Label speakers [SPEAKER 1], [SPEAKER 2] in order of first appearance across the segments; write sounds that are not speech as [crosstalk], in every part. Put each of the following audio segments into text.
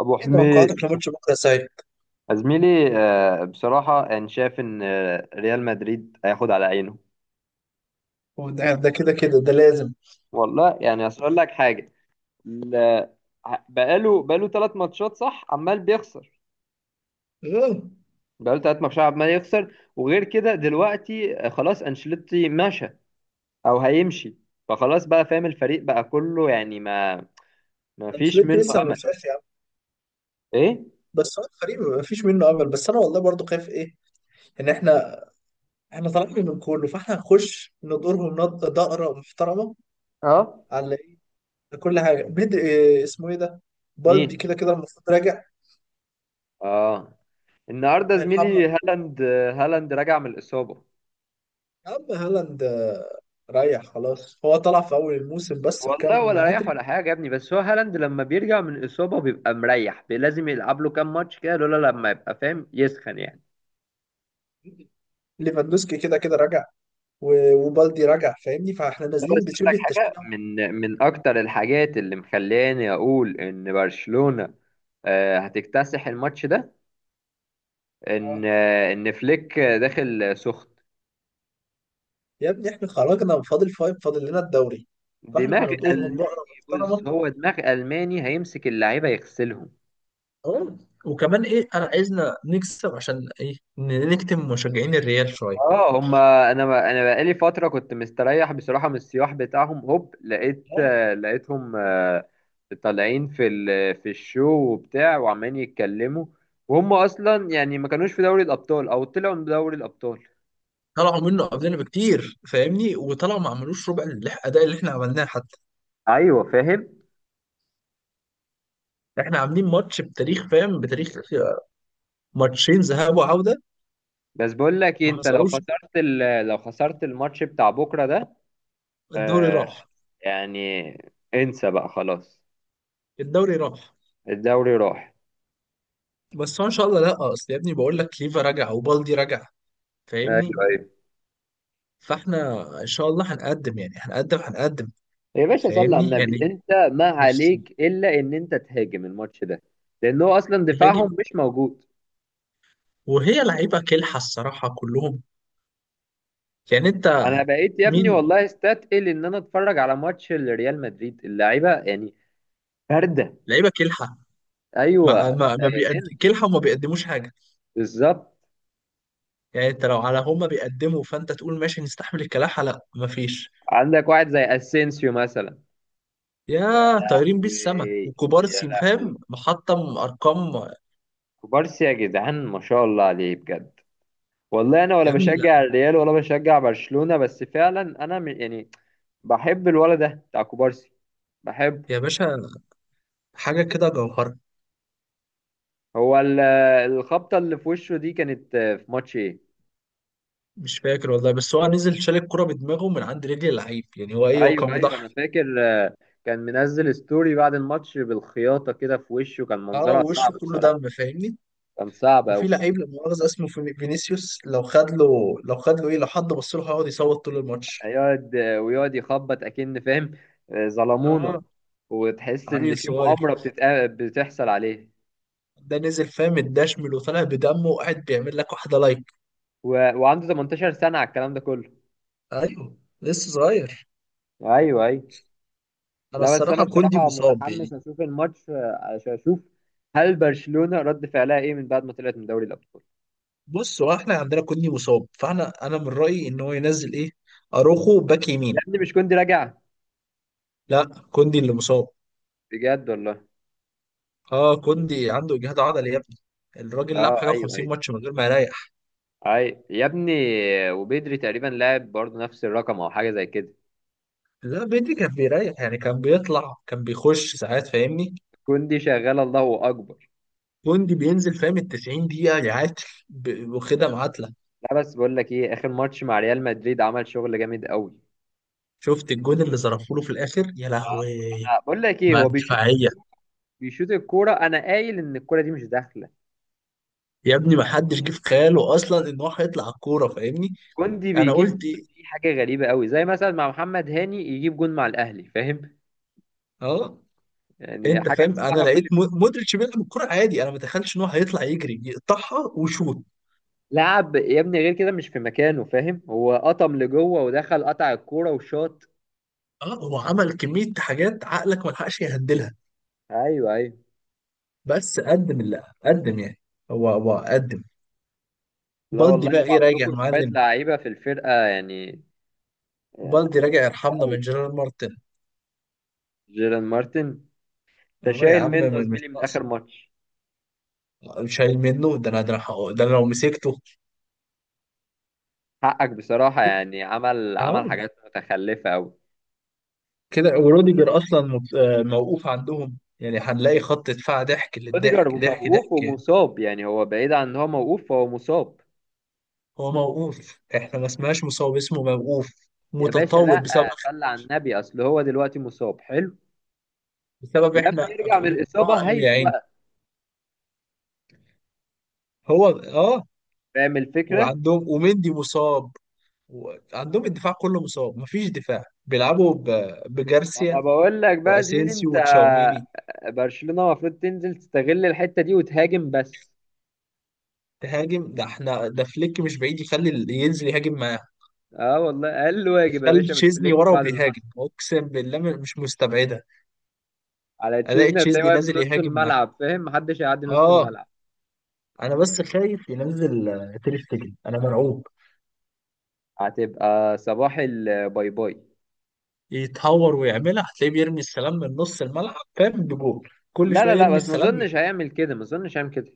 [SPEAKER 1] ابو
[SPEAKER 2] ايه
[SPEAKER 1] حميد،
[SPEAKER 2] توقعاتك لماتش بكره ساي؟
[SPEAKER 1] يا زميلي، بصراحه يعني شايف ان ريال مدريد هياخد على عينه.
[SPEAKER 2] هو ده كده كده ده لازم.
[SPEAKER 1] والله يعني اصل اقول لك حاجه. ال- بقاله 3 ماتشات، صح، عمال بيخسر.
[SPEAKER 2] اه.
[SPEAKER 1] بقاله ثلاث ماتشات عمال يخسر. وغير كده دلوقتي خلاص انشيلوتي مشى او هيمشي. فخلاص بقى فاهم، الفريق بقى كله يعني ما فيش
[SPEAKER 2] انشيلوتي
[SPEAKER 1] منه
[SPEAKER 2] لسه ما
[SPEAKER 1] امل.
[SPEAKER 2] مشاش يا عم.
[SPEAKER 1] ايه.
[SPEAKER 2] بس هو الفريق ما فيش منه امل، بس انا والله برضو خايف ايه، ان احنا طالعين من كله، فاحنا هنخش ندورهم دقره محترمه
[SPEAKER 1] اه.
[SPEAKER 2] على ايه. كل حاجه بدري، إيه اسمه ايه ده، بالدي
[SPEAKER 1] مين.
[SPEAKER 2] كده كده المفروض راجع.
[SPEAKER 1] اه. النهارده
[SPEAKER 2] هيرحمنا،
[SPEAKER 1] زميلي هالاند، هالاند راجع من الاصابه.
[SPEAKER 2] يا عم هالاند ريح خلاص، هو طلع في اول الموسم بس
[SPEAKER 1] والله
[SPEAKER 2] بكام
[SPEAKER 1] ولا رايح ولا
[SPEAKER 2] هاتريك.
[SPEAKER 1] حاجه يا ابني، بس هو هالاند لما بيرجع من اصابه بيبقى مريح. لازم يلعب له كام ماتش كده لولا لما يبقى فاهم يسخن يعني.
[SPEAKER 2] ليفاندوسكي كده كده راجع، و- وبالدي راجع فاهمني، فاحنا
[SPEAKER 1] لا بس
[SPEAKER 2] نازلين
[SPEAKER 1] اقول لك
[SPEAKER 2] بشبه
[SPEAKER 1] حاجه،
[SPEAKER 2] التشكيله.
[SPEAKER 1] من اكتر الحاجات اللي مخلاني اقول ان برشلونه هتكتسح الماتش ده، ان
[SPEAKER 2] آه.
[SPEAKER 1] ان فليك داخل سخن.
[SPEAKER 2] يا ابني احنا خرجنا، فاضل فايف، فاضل لنا الدوري، فاحنا
[SPEAKER 1] دماغ
[SPEAKER 2] هنطورهم
[SPEAKER 1] الماني.
[SPEAKER 2] بقرة
[SPEAKER 1] بص،
[SPEAKER 2] محترمة.
[SPEAKER 1] هو دماغ الماني هيمسك اللعيبه يغسلهم.
[SPEAKER 2] اه، وكمان ايه، انا عايزنا نكسب عشان ايه، نكتم مشجعين الريال شوية.
[SPEAKER 1] اه هما. انا ما انا بقالي فتره كنت مستريح بصراحه من السياح بتاعهم. هوب لقيت
[SPEAKER 2] اه،
[SPEAKER 1] لقيتهم طالعين في في الشو وبتاع، وعمالين يتكلموا. وهم اصلا يعني ما كانوش في دوري الابطال او طلعوا من دوري الابطال.
[SPEAKER 2] طلعوا منه قبلنا بكتير فاهمني، وطلعوا ما عملوش ربع الاداء اللي احنا عملناه حتى.
[SPEAKER 1] ايوه فاهم.
[SPEAKER 2] احنا عاملين ماتش بتاريخ فاهم، بتاريخ، ماتشين ذهاب وعودة
[SPEAKER 1] بس بقول لك إيه،
[SPEAKER 2] ما
[SPEAKER 1] انت لو
[SPEAKER 2] حصلوش.
[SPEAKER 1] خسرت لو خسرت الماتش بتاع بكره ده
[SPEAKER 2] الدوري
[SPEAKER 1] آه،
[SPEAKER 2] راح.
[SPEAKER 1] يعني انسى بقى خلاص.
[SPEAKER 2] الدوري راح.
[SPEAKER 1] الدوري راح.
[SPEAKER 2] بس هو ان شاء الله لا، اصل يا ابني بقول لك كليفا رجع وبالدي رجع
[SPEAKER 1] ايوه
[SPEAKER 2] فاهمني،
[SPEAKER 1] ايوه.
[SPEAKER 2] فاحنا ان شاء الله هنقدم يعني هنقدم.
[SPEAKER 1] يا باشا صلي على
[SPEAKER 2] فاهمني
[SPEAKER 1] النبي
[SPEAKER 2] يعني.
[SPEAKER 1] انت. ما
[SPEAKER 2] نفس
[SPEAKER 1] عليك الا ان انت تهاجم الماتش ده، لان هو اصلا
[SPEAKER 2] الهاجم.
[SPEAKER 1] دفاعهم مش موجود.
[SPEAKER 2] وهي لعيبه كلحه الصراحه كلهم يعني. انت
[SPEAKER 1] انا بقيت يا ابني
[SPEAKER 2] مين؟
[SPEAKER 1] والله استثقل ان انا اتفرج على ماتش لريال مدريد، اللعيبه يعني بارده.
[SPEAKER 2] لعيبه كلحه، مع
[SPEAKER 1] ايوه
[SPEAKER 2] ما ما بيقد...
[SPEAKER 1] سائلين.
[SPEAKER 2] كلحه وما بيقدموش حاجه.
[SPEAKER 1] بالظبط.
[SPEAKER 2] يعني انت لو على هما بيقدموا فانت تقول ماشي نستحمل الكلاحه، لا مفيش.
[SPEAKER 1] عندك واحد زي اسينسيو مثلا. يا
[SPEAKER 2] يا طايرين بيه السما،
[SPEAKER 1] لهوي، يا
[SPEAKER 2] وكوبارسي
[SPEAKER 1] لهوي.
[SPEAKER 2] فاهم محطم ارقام.
[SPEAKER 1] كوبارسي يا جدعان، ما شاء الله عليه بجد. والله انا ولا
[SPEAKER 2] يا ابني
[SPEAKER 1] بشجع
[SPEAKER 2] لا،
[SPEAKER 1] الريال ولا بشجع برشلونه، بس فعلا انا يعني بحب الولد ده بتاع كوبارسي، بحبه.
[SPEAKER 2] يا باشا، حاجه كده جوهره.
[SPEAKER 1] هو الخبطة اللي في وشه دي كانت في ماتش ايه؟
[SPEAKER 2] مش فاكر والله، بس هو نزل شال الكرة بدماغه من عند رجل اللعيب يعني، هو ايه، هو كان
[SPEAKER 1] ايوه ايوه انا
[SPEAKER 2] مضحي.
[SPEAKER 1] فاكر، كان منزل ستوري بعد الماتش بالخياطة كده في وشه، كان
[SPEAKER 2] اه،
[SPEAKER 1] منظرها صعب
[SPEAKER 2] ووشه كله
[SPEAKER 1] بصراحة.
[SPEAKER 2] دم فاهمني.
[SPEAKER 1] كان صعب
[SPEAKER 2] وفي
[SPEAKER 1] أوي.
[SPEAKER 2] لعيب لا مؤاخذة اسمه فينيسيوس، لو خد له، لو خد له ايه، لو حد بص له هيقعد يصوت طول الماتش.
[SPEAKER 1] هيقعد ويقعد يخبط أكن فاهم، ظلمونا.
[SPEAKER 2] اه.
[SPEAKER 1] وتحس إن
[SPEAKER 2] عيل
[SPEAKER 1] في
[SPEAKER 2] صغير
[SPEAKER 1] مؤامرة بتحصل عليه.
[SPEAKER 2] ده، نزل فاهم الدشمل وطلع بدمه وقاعد بيعمل لك واحدة لايك.
[SPEAKER 1] و... وعنده 18 سنة على الكلام ده كله.
[SPEAKER 2] ايوه لسه صغير.
[SPEAKER 1] ايوه ايوه.
[SPEAKER 2] انا
[SPEAKER 1] لا بس انا
[SPEAKER 2] الصراحة كوندي
[SPEAKER 1] بصراحة
[SPEAKER 2] مصاب يعني.
[SPEAKER 1] متحمس اشوف الماتش عشان اشوف هل برشلونة رد فعلها ايه من بعد ما طلعت من دوري الابطال.
[SPEAKER 2] بص هو احنا عندنا كوندي مصاب، فاحنا انا من رأيي ان هو ينزل ايه، اروخو باك
[SPEAKER 1] يا
[SPEAKER 2] يمين.
[SPEAKER 1] ابني مش كنت راجع؟
[SPEAKER 2] لا، كوندي اللي مصاب.
[SPEAKER 1] بجد والله.
[SPEAKER 2] اه، كوندي عنده اجهاد عضلي يا ابني، الراجل لعب
[SPEAKER 1] اه
[SPEAKER 2] حاجة
[SPEAKER 1] ايوه
[SPEAKER 2] و50
[SPEAKER 1] ايوه.
[SPEAKER 2] ماتش من غير ما يريح.
[SPEAKER 1] اي يا ابني. وبدري تقريبا لعب برضه نفس الرقم او حاجه زي كده.
[SPEAKER 2] لا بدري كان بيريح يعني، كان بيطلع كان بيخش ساعات فاهمني.
[SPEAKER 1] كوندي شغال، الله اكبر.
[SPEAKER 2] جندي بينزل فاهم ال 90 دقيقة يعاد، واخدها معادلة.
[SPEAKER 1] لا بس بقول لك ايه، اخر ماتش مع ريال مدريد عمل شغل جامد قوي.
[SPEAKER 2] شفت الجون اللي ظرفوا له في الآخر، يا لهوي.
[SPEAKER 1] آه، انا بقول لك ايه،
[SPEAKER 2] ما
[SPEAKER 1] هو بيشوط
[SPEAKER 2] دفاعية.
[SPEAKER 1] الكورة. بيشوط الكوره، انا قايل ان الكوره دي مش داخله.
[SPEAKER 2] يا ابني ما حدش جه في خياله أصلا إن هو هيطلع على الكورة فاهمني.
[SPEAKER 1] كوندي
[SPEAKER 2] أنا
[SPEAKER 1] بيجيب
[SPEAKER 2] قلت
[SPEAKER 1] جون،
[SPEAKER 2] إيه؟
[SPEAKER 1] دي حاجه غريبه قوي، زي مثلا مع محمد هاني يجيب جون مع الاهلي فاهم.
[SPEAKER 2] أه.
[SPEAKER 1] يعني
[SPEAKER 2] أنت
[SPEAKER 1] حاجه
[SPEAKER 2] فاهم، أنا
[SPEAKER 1] تسمعها كل...
[SPEAKER 2] لقيت مودريتش بيلعب الكورة عادي، أنا ما تخيلش إن هو هيطلع يجري يقطعها وشوط.
[SPEAKER 1] لعب يا ابني غير كده، مش في مكانه فاهم، هو قطم لجوه ودخل، قطع الكوره وشاط.
[SPEAKER 2] أه، هو عمل كمية حاجات عقلك ما لحقش يهندلها.
[SPEAKER 1] ايوه ايوه.
[SPEAKER 2] بس قدم اللي قدم يعني. هو قدم.
[SPEAKER 1] لا
[SPEAKER 2] بالدي
[SPEAKER 1] والله
[SPEAKER 2] بقى
[SPEAKER 1] انتوا
[SPEAKER 2] ايه، راجع يا
[SPEAKER 1] عندكم شويه
[SPEAKER 2] معلم.
[SPEAKER 1] لعيبه في الفرقه يعني آه،
[SPEAKER 2] بالدي راجع، يرحمنا من
[SPEAKER 1] قوي.
[SPEAKER 2] جيرار مارتن.
[SPEAKER 1] جيران مارتن. انت
[SPEAKER 2] اه يا
[SPEAKER 1] شايل
[SPEAKER 2] عم،
[SPEAKER 1] منه يا
[SPEAKER 2] مش
[SPEAKER 1] زميلي من اخر
[SPEAKER 2] ناقص.
[SPEAKER 1] ماتش؟
[SPEAKER 2] مش شايل منه، ده انا ده انا هق- ده أنا لو مسكته
[SPEAKER 1] حقك بصراحه،
[SPEAKER 2] كده،
[SPEAKER 1] يعني عمل عمل
[SPEAKER 2] حرام.
[SPEAKER 1] حاجات متخلفه قوي.
[SPEAKER 2] كده وروديجر اصلا موقوف عندهم، يعني هنلاقي خط دفاع ضحك
[SPEAKER 1] روديجر
[SPEAKER 2] للضحك ضحك
[SPEAKER 1] موقوف
[SPEAKER 2] ضحك يعني.
[SPEAKER 1] ومصاب، يعني هو بعيد عن ان هو موقوف، فهو مصاب.
[SPEAKER 2] هو موقوف احنا ما اسمهاش مصاب، اسمه موقوف،
[SPEAKER 1] يا باشا لا،
[SPEAKER 2] متطاول بسبب اخر
[SPEAKER 1] صلى على
[SPEAKER 2] ماتش،
[SPEAKER 1] النبي، اصل هو دلوقتي مصاب حلو.
[SPEAKER 2] بسبب
[SPEAKER 1] لما
[SPEAKER 2] احنا
[SPEAKER 1] يرجع من
[SPEAKER 2] غلطنا
[SPEAKER 1] الاصابه
[SPEAKER 2] قوي يا عيني.
[SPEAKER 1] هيتوقف،
[SPEAKER 2] هو اه.
[SPEAKER 1] فاهم الفكره.
[SPEAKER 2] وعندهم ومندي مصاب، عندهم الدفاع كله مصاب مفيش دفاع، بيلعبوا
[SPEAKER 1] ما انا
[SPEAKER 2] بجارسيا
[SPEAKER 1] بقول لك بقى يا زميلي
[SPEAKER 2] واسينسيو
[SPEAKER 1] انت،
[SPEAKER 2] وتشاوميني.
[SPEAKER 1] برشلونة المفروض تنزل تستغل الحتة دي وتهاجم بس.
[SPEAKER 2] تهاجم؟ ده احنا ده فليك مش بعيد يخلي ينزل يهاجم معاه،
[SPEAKER 1] اه والله، اقل واجب يا
[SPEAKER 2] يخلي
[SPEAKER 1] باشا من
[SPEAKER 2] تشيزني
[SPEAKER 1] فليك
[SPEAKER 2] ورا
[SPEAKER 1] بعد اللي
[SPEAKER 2] وبيهاجم،
[SPEAKER 1] حصل.
[SPEAKER 2] اقسم بالله مش مستبعده
[SPEAKER 1] على
[SPEAKER 2] الاقي
[SPEAKER 1] تشيزني هتلاقيه
[SPEAKER 2] تشيزني
[SPEAKER 1] واقف في
[SPEAKER 2] نازل
[SPEAKER 1] نص
[SPEAKER 2] يهاجم معاه.
[SPEAKER 1] الملعب فاهم، محدش هيعدي نص
[SPEAKER 2] اه.
[SPEAKER 1] الملعب.
[SPEAKER 2] انا بس خايف ينزل تير شتيجن، انا مرعوب
[SPEAKER 1] هتبقى صباح الباي باي.
[SPEAKER 2] يتهور ويعملها، هتلاقيه بيرمي السلام من نص الملعب فاهم، بجول، كل
[SPEAKER 1] لا
[SPEAKER 2] شويه
[SPEAKER 1] لا لا،
[SPEAKER 2] يرمي
[SPEAKER 1] بس ما
[SPEAKER 2] السلام
[SPEAKER 1] اظنش
[SPEAKER 2] يجي.
[SPEAKER 1] هيعمل كده، ما اظنش هيعمل كده.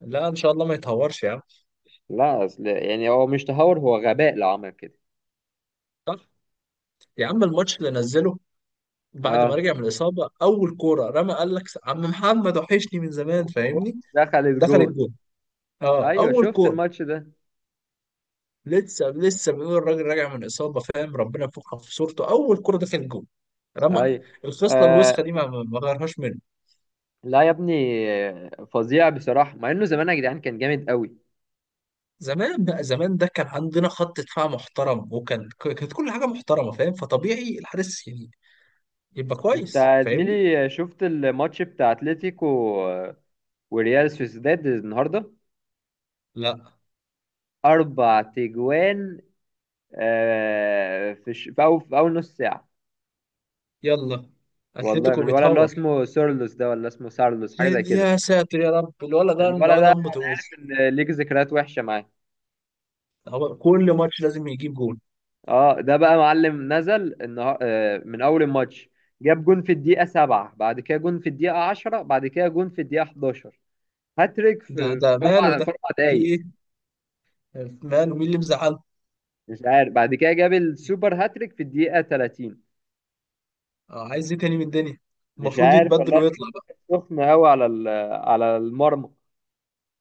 [SPEAKER 2] لا ان شاء الله ما يتهورش يا عم.
[SPEAKER 1] لا اصل يعني هو مش تهور، هو غباء لو عمل كده.
[SPEAKER 2] صح. يا عم الماتش اللي نزله بعد ما
[SPEAKER 1] اه،
[SPEAKER 2] رجع من الإصابة، أول كورة رمى، قال لك عم محمد وحشني من زمان
[SPEAKER 1] هوب،
[SPEAKER 2] فاهمني.
[SPEAKER 1] دخلت
[SPEAKER 2] دخلت
[SPEAKER 1] جون.
[SPEAKER 2] جول. أه،
[SPEAKER 1] ايوه،
[SPEAKER 2] أول
[SPEAKER 1] شفت
[SPEAKER 2] كورة.
[SPEAKER 1] الماتش ده؟
[SPEAKER 2] لسه لسه بيقول الراجل راجع من إصابة فاهم، ربنا يفكها في صورته، أول كورة دخلت جول. رمى.
[SPEAKER 1] ايوه.
[SPEAKER 2] الخصلة الوسخة دي ما غيرهاش منه.
[SPEAKER 1] لا يا ابني، فظيع بصراحة مع انه زمان يا جدعان كان جامد قوي.
[SPEAKER 2] زمان بقى زمان، ده كان عندنا خط دفاع محترم، وكان كانت كل حاجة محترمة فاهم، فطبيعي الحارس يعني يبقى
[SPEAKER 1] انت
[SPEAKER 2] كويس
[SPEAKER 1] يا
[SPEAKER 2] فاهمني.
[SPEAKER 1] زميلي شفت الماتش بتاع اتلتيكو وريال سوسيداد النهاردة؟
[SPEAKER 2] لا.
[SPEAKER 1] اربع تجوان في اول نص ساعة.
[SPEAKER 2] يلا.
[SPEAKER 1] والله من
[SPEAKER 2] أتلتيكو
[SPEAKER 1] الولد اللي هو
[SPEAKER 2] بيتهور.
[SPEAKER 1] اسمه سورلوس ده، ولا اسمه سارلوس، حاجة زي
[SPEAKER 2] يا
[SPEAKER 1] كده.
[SPEAKER 2] يا ساتر يا رب، الولد ده،
[SPEAKER 1] الولد
[SPEAKER 2] الولد
[SPEAKER 1] ده
[SPEAKER 2] دمه تقيل.
[SPEAKER 1] كان ليك ذكريات وحشة معاه.
[SPEAKER 2] هو كل ماتش لازم يجيب جول.
[SPEAKER 1] اه، ده بقى معلم نزل من اول الماتش. جاب جون في الدقيقة 7، بعد كده جون في الدقيقة 10، بعد كده جون في الدقيقة 11. هاتريك
[SPEAKER 2] ده
[SPEAKER 1] في
[SPEAKER 2] ده
[SPEAKER 1] في اربع
[SPEAKER 2] ماله ده،
[SPEAKER 1] في اربع
[SPEAKER 2] في
[SPEAKER 1] دقايق
[SPEAKER 2] ايه، ماله، مين اللي مزعله؟
[SPEAKER 1] مش عارف. بعد كده جاب السوبر هاتريك في الدقيقة 30.
[SPEAKER 2] آه، عايز ايه تاني من الدنيا؟
[SPEAKER 1] مش
[SPEAKER 2] المفروض
[SPEAKER 1] عارف
[SPEAKER 2] يتبدل
[SPEAKER 1] والله.
[SPEAKER 2] ويطلع بقى.
[SPEAKER 1] كانت سخنة قوي على على المرمى.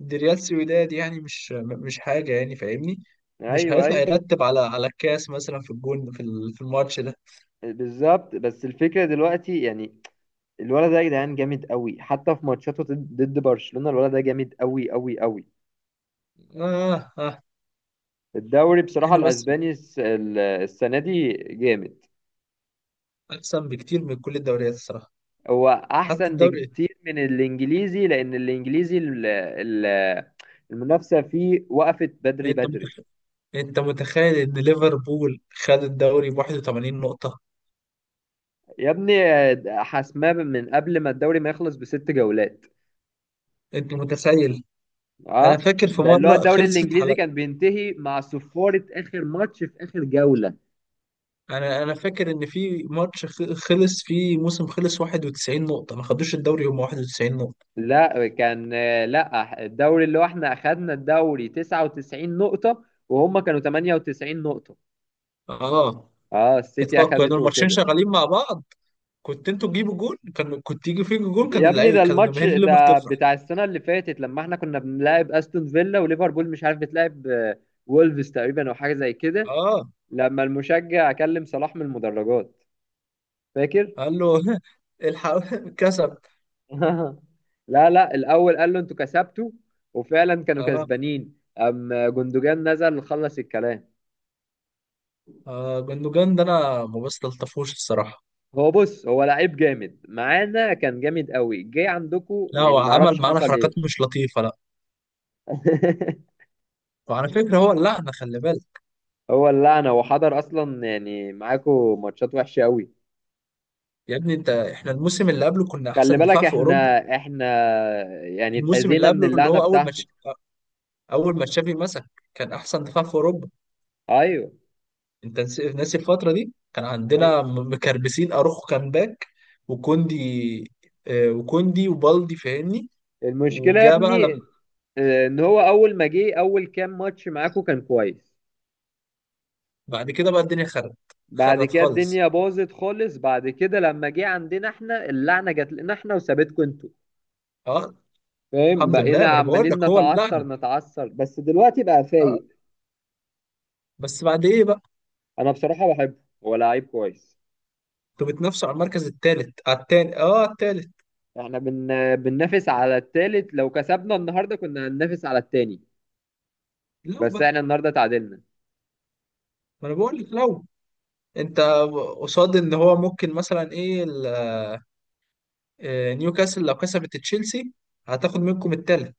[SPEAKER 2] دي ريال سويداد يعني مش حاجة يعني فاهمني. مش
[SPEAKER 1] ايوه
[SPEAKER 2] هيطلع
[SPEAKER 1] اي.
[SPEAKER 2] يرتب على على الكاس مثلا في الجون، في في الماتش ده.
[SPEAKER 1] بالظبط، بس الفكرة دلوقتي يعني. الولد ده يا جدعان جامد قوي، حتى في ماتشاته ضد برشلونة، الولد ده جامد قوي قوي قوي.
[SPEAKER 2] آه آه.
[SPEAKER 1] الدوري بصراحة
[SPEAKER 2] احنا بس،
[SPEAKER 1] الاسباني السنة دي جامد.
[SPEAKER 2] احسن بكتير من كل الدوريات الصراحة.
[SPEAKER 1] هو
[SPEAKER 2] حتى
[SPEAKER 1] احسن
[SPEAKER 2] الدوري،
[SPEAKER 1] بكتير من الانجليزي، لان الانجليزي المنافسة فيه وقفت بدري
[SPEAKER 2] انت
[SPEAKER 1] بدري.
[SPEAKER 2] متخيل، انت متخيل ان ليفربول خد الدوري ب 81 نقطة؟
[SPEAKER 1] يا ابني حاسماه من قبل ما الدوري ما يخلص ب6 جولات.
[SPEAKER 2] انت متخيل؟ انا
[SPEAKER 1] اه،
[SPEAKER 2] فاكر في
[SPEAKER 1] ده اللي هو
[SPEAKER 2] مرة
[SPEAKER 1] الدوري
[SPEAKER 2] خلصت،
[SPEAKER 1] الانجليزي كان بينتهي مع صفارة اخر ماتش في اخر جولة.
[SPEAKER 2] انا انا فاكر ان في ماتش خلص فيه موسم، خلص 91 نقطة ما خدوش الدوري، هم 91 نقطة.
[SPEAKER 1] لا كان، لا، الدوري اللي هو احنا اخدنا الدوري 99 نقطة، وهم كانوا 98 نقطة.
[SPEAKER 2] اه.
[SPEAKER 1] اه، السيتي
[SPEAKER 2] اطلاق كانوا
[SPEAKER 1] اخدته
[SPEAKER 2] الماتشين
[SPEAKER 1] وكده.
[SPEAKER 2] شغالين مع بعض. كنت انتوا تجيبوا جول كان، كنت يجي فيكوا جول كان،
[SPEAKER 1] يا ابني
[SPEAKER 2] اللعيبة
[SPEAKER 1] ده
[SPEAKER 2] كان،
[SPEAKER 1] الماتش
[SPEAKER 2] جماهير الليفر
[SPEAKER 1] ده
[SPEAKER 2] تفرح.
[SPEAKER 1] بتاع السنة اللي فاتت لما احنا كنا بنلعب استون فيلا، وليفربول مش عارف بتلعب وولفز تقريبا او حاجة زي كده.
[SPEAKER 2] اه،
[SPEAKER 1] لما المشجع كلم صلاح من المدرجات، فاكر؟
[SPEAKER 2] قال له [laughs] الحق [laughs] كسب.
[SPEAKER 1] [laughs] لا لا، الاول قال له انتوا كسبتوا، وفعلا كانوا
[SPEAKER 2] اه.
[SPEAKER 1] كسبانين. ام جندوجان نزل خلص الكلام.
[SPEAKER 2] اه جندوجان ده انا ما بستلطفوش الصراحة.
[SPEAKER 1] هو بص، هو لعيب جامد، معانا كان جامد قوي، جه عندكو
[SPEAKER 2] لا هو
[SPEAKER 1] يعني
[SPEAKER 2] عمل
[SPEAKER 1] معرفش
[SPEAKER 2] معانا
[SPEAKER 1] حصل
[SPEAKER 2] حركات
[SPEAKER 1] ايه.
[SPEAKER 2] مش لطيفة، لا.
[SPEAKER 1] [laughs]
[SPEAKER 2] وعلى فكرة هو اللعنة، خلي بالك.
[SPEAKER 1] هو اللعنه، هو حضر اصلا يعني معاكو ماتشات وحشه قوي.
[SPEAKER 2] يا ابني انت، احنا الموسم اللي قبله كنا
[SPEAKER 1] خلي
[SPEAKER 2] احسن دفاع
[SPEAKER 1] بالك،
[SPEAKER 2] في اوروبا.
[SPEAKER 1] احنا يعني
[SPEAKER 2] الموسم اللي
[SPEAKER 1] اتأذينا من
[SPEAKER 2] قبله، اللي
[SPEAKER 1] اللعنه
[SPEAKER 2] هو اول
[SPEAKER 1] بتاعته.
[SPEAKER 2] ماتش، اول ما تشافي مسك، كان احسن دفاع في اوروبا.
[SPEAKER 1] ايوه.
[SPEAKER 2] انت ناسي الفتره دي، كان
[SPEAKER 1] أي-
[SPEAKER 2] عندنا مكربسين، اروخو كان باك، وكوندي، وكوندي وبالدي فاهمني.
[SPEAKER 1] المشكله يا
[SPEAKER 2] وجا بقى
[SPEAKER 1] ابني
[SPEAKER 2] لما.
[SPEAKER 1] ان هو اول ما جه اول كام ماتش معاكو كان كويس.
[SPEAKER 2] بعد كده بقى الدنيا خرت.
[SPEAKER 1] بعد
[SPEAKER 2] خرت
[SPEAKER 1] كده
[SPEAKER 2] خالص.
[SPEAKER 1] الدنيا باظت خالص. بعد كده لما جه عندنا احنا، اللعنه جت لنا احنا وسابتكم انتوا
[SPEAKER 2] اه.
[SPEAKER 1] فاهم،
[SPEAKER 2] الحمد
[SPEAKER 1] بقينا
[SPEAKER 2] لله، ما انا بقول لك
[SPEAKER 1] عمالين
[SPEAKER 2] هو اللعنه.
[SPEAKER 1] نتعثر نتعثر، بس دلوقتي بقى
[SPEAKER 2] اه.
[SPEAKER 1] فايق.
[SPEAKER 2] بس بعد ايه بقى.
[SPEAKER 1] انا بصراحه بحبه، هو لعيب كويس.
[SPEAKER 2] انتوا بتنافسوا على المركز الثالث على الثاني؟ اه على الثالث.
[SPEAKER 1] احنا بننافس على التالت، لو كسبنا النهارده كنا هننافس على التاني،
[SPEAKER 2] لو
[SPEAKER 1] بس
[SPEAKER 2] بقى،
[SPEAKER 1] احنا النهارده تعادلنا.
[SPEAKER 2] ما انا بقول لك لو. انت قصاد ان هو ممكن مثلا ايه نيوكاسل لو كسبت تشيلسي هتاخد منكم الثالث.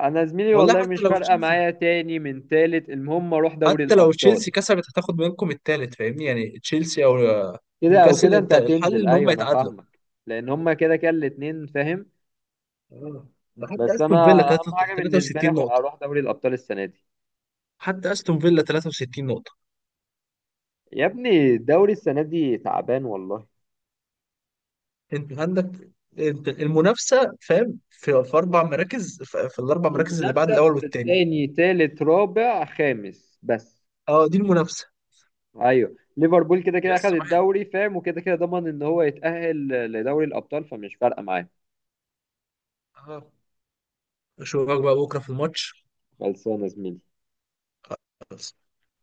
[SPEAKER 1] انا زميلي
[SPEAKER 2] والله
[SPEAKER 1] والله
[SPEAKER 2] حتى
[SPEAKER 1] مش
[SPEAKER 2] لو
[SPEAKER 1] فارقه
[SPEAKER 2] تشيلسي،
[SPEAKER 1] معايا تاني من تالت، المهم اروح دوري
[SPEAKER 2] حتى لو
[SPEAKER 1] الابطال.
[SPEAKER 2] تشيلسي كسبت هتاخد منكم التالت فاهمني، يعني تشيلسي او
[SPEAKER 1] كده او
[SPEAKER 2] نيوكاسل،
[SPEAKER 1] كده انت
[SPEAKER 2] انت الحل
[SPEAKER 1] هتنزل،
[SPEAKER 2] ان هم
[SPEAKER 1] ايوه انا
[SPEAKER 2] يتعادلوا.
[SPEAKER 1] فاهمك. لان هما كده كده الاتنين فاهم.
[SPEAKER 2] آه. ده حتى
[SPEAKER 1] بس انا
[SPEAKER 2] استون فيلا
[SPEAKER 1] اهم حاجه بالنسبه لي
[SPEAKER 2] 63 نقطة.
[SPEAKER 1] اروح دوري الابطال السنه دي.
[SPEAKER 2] حتى استون فيلا 63 نقطة.
[SPEAKER 1] يا ابني الدوري السنه دي تعبان والله.
[SPEAKER 2] انت عندك، انت المنافسة فاهم في اربع مراكز، في الاربع مراكز اللي بعد
[SPEAKER 1] المنافسه
[SPEAKER 2] الاول
[SPEAKER 1] في
[SPEAKER 2] والتاني.
[SPEAKER 1] الثاني ثالث رابع خامس بس.
[SPEAKER 2] اه دي المنافسة.
[SPEAKER 1] ايوه، ليفربول كده كده اخد
[SPEAKER 2] لسه واحد.
[SPEAKER 1] الدوري فاهم، وكده كده ضمن ان هو يتاهل لدوري الابطال، فمش فارقه معاه.
[SPEAKER 2] اه. اشوفك بقى بكرة في الماتش.
[SPEAKER 1] خلصانه يا زميلي.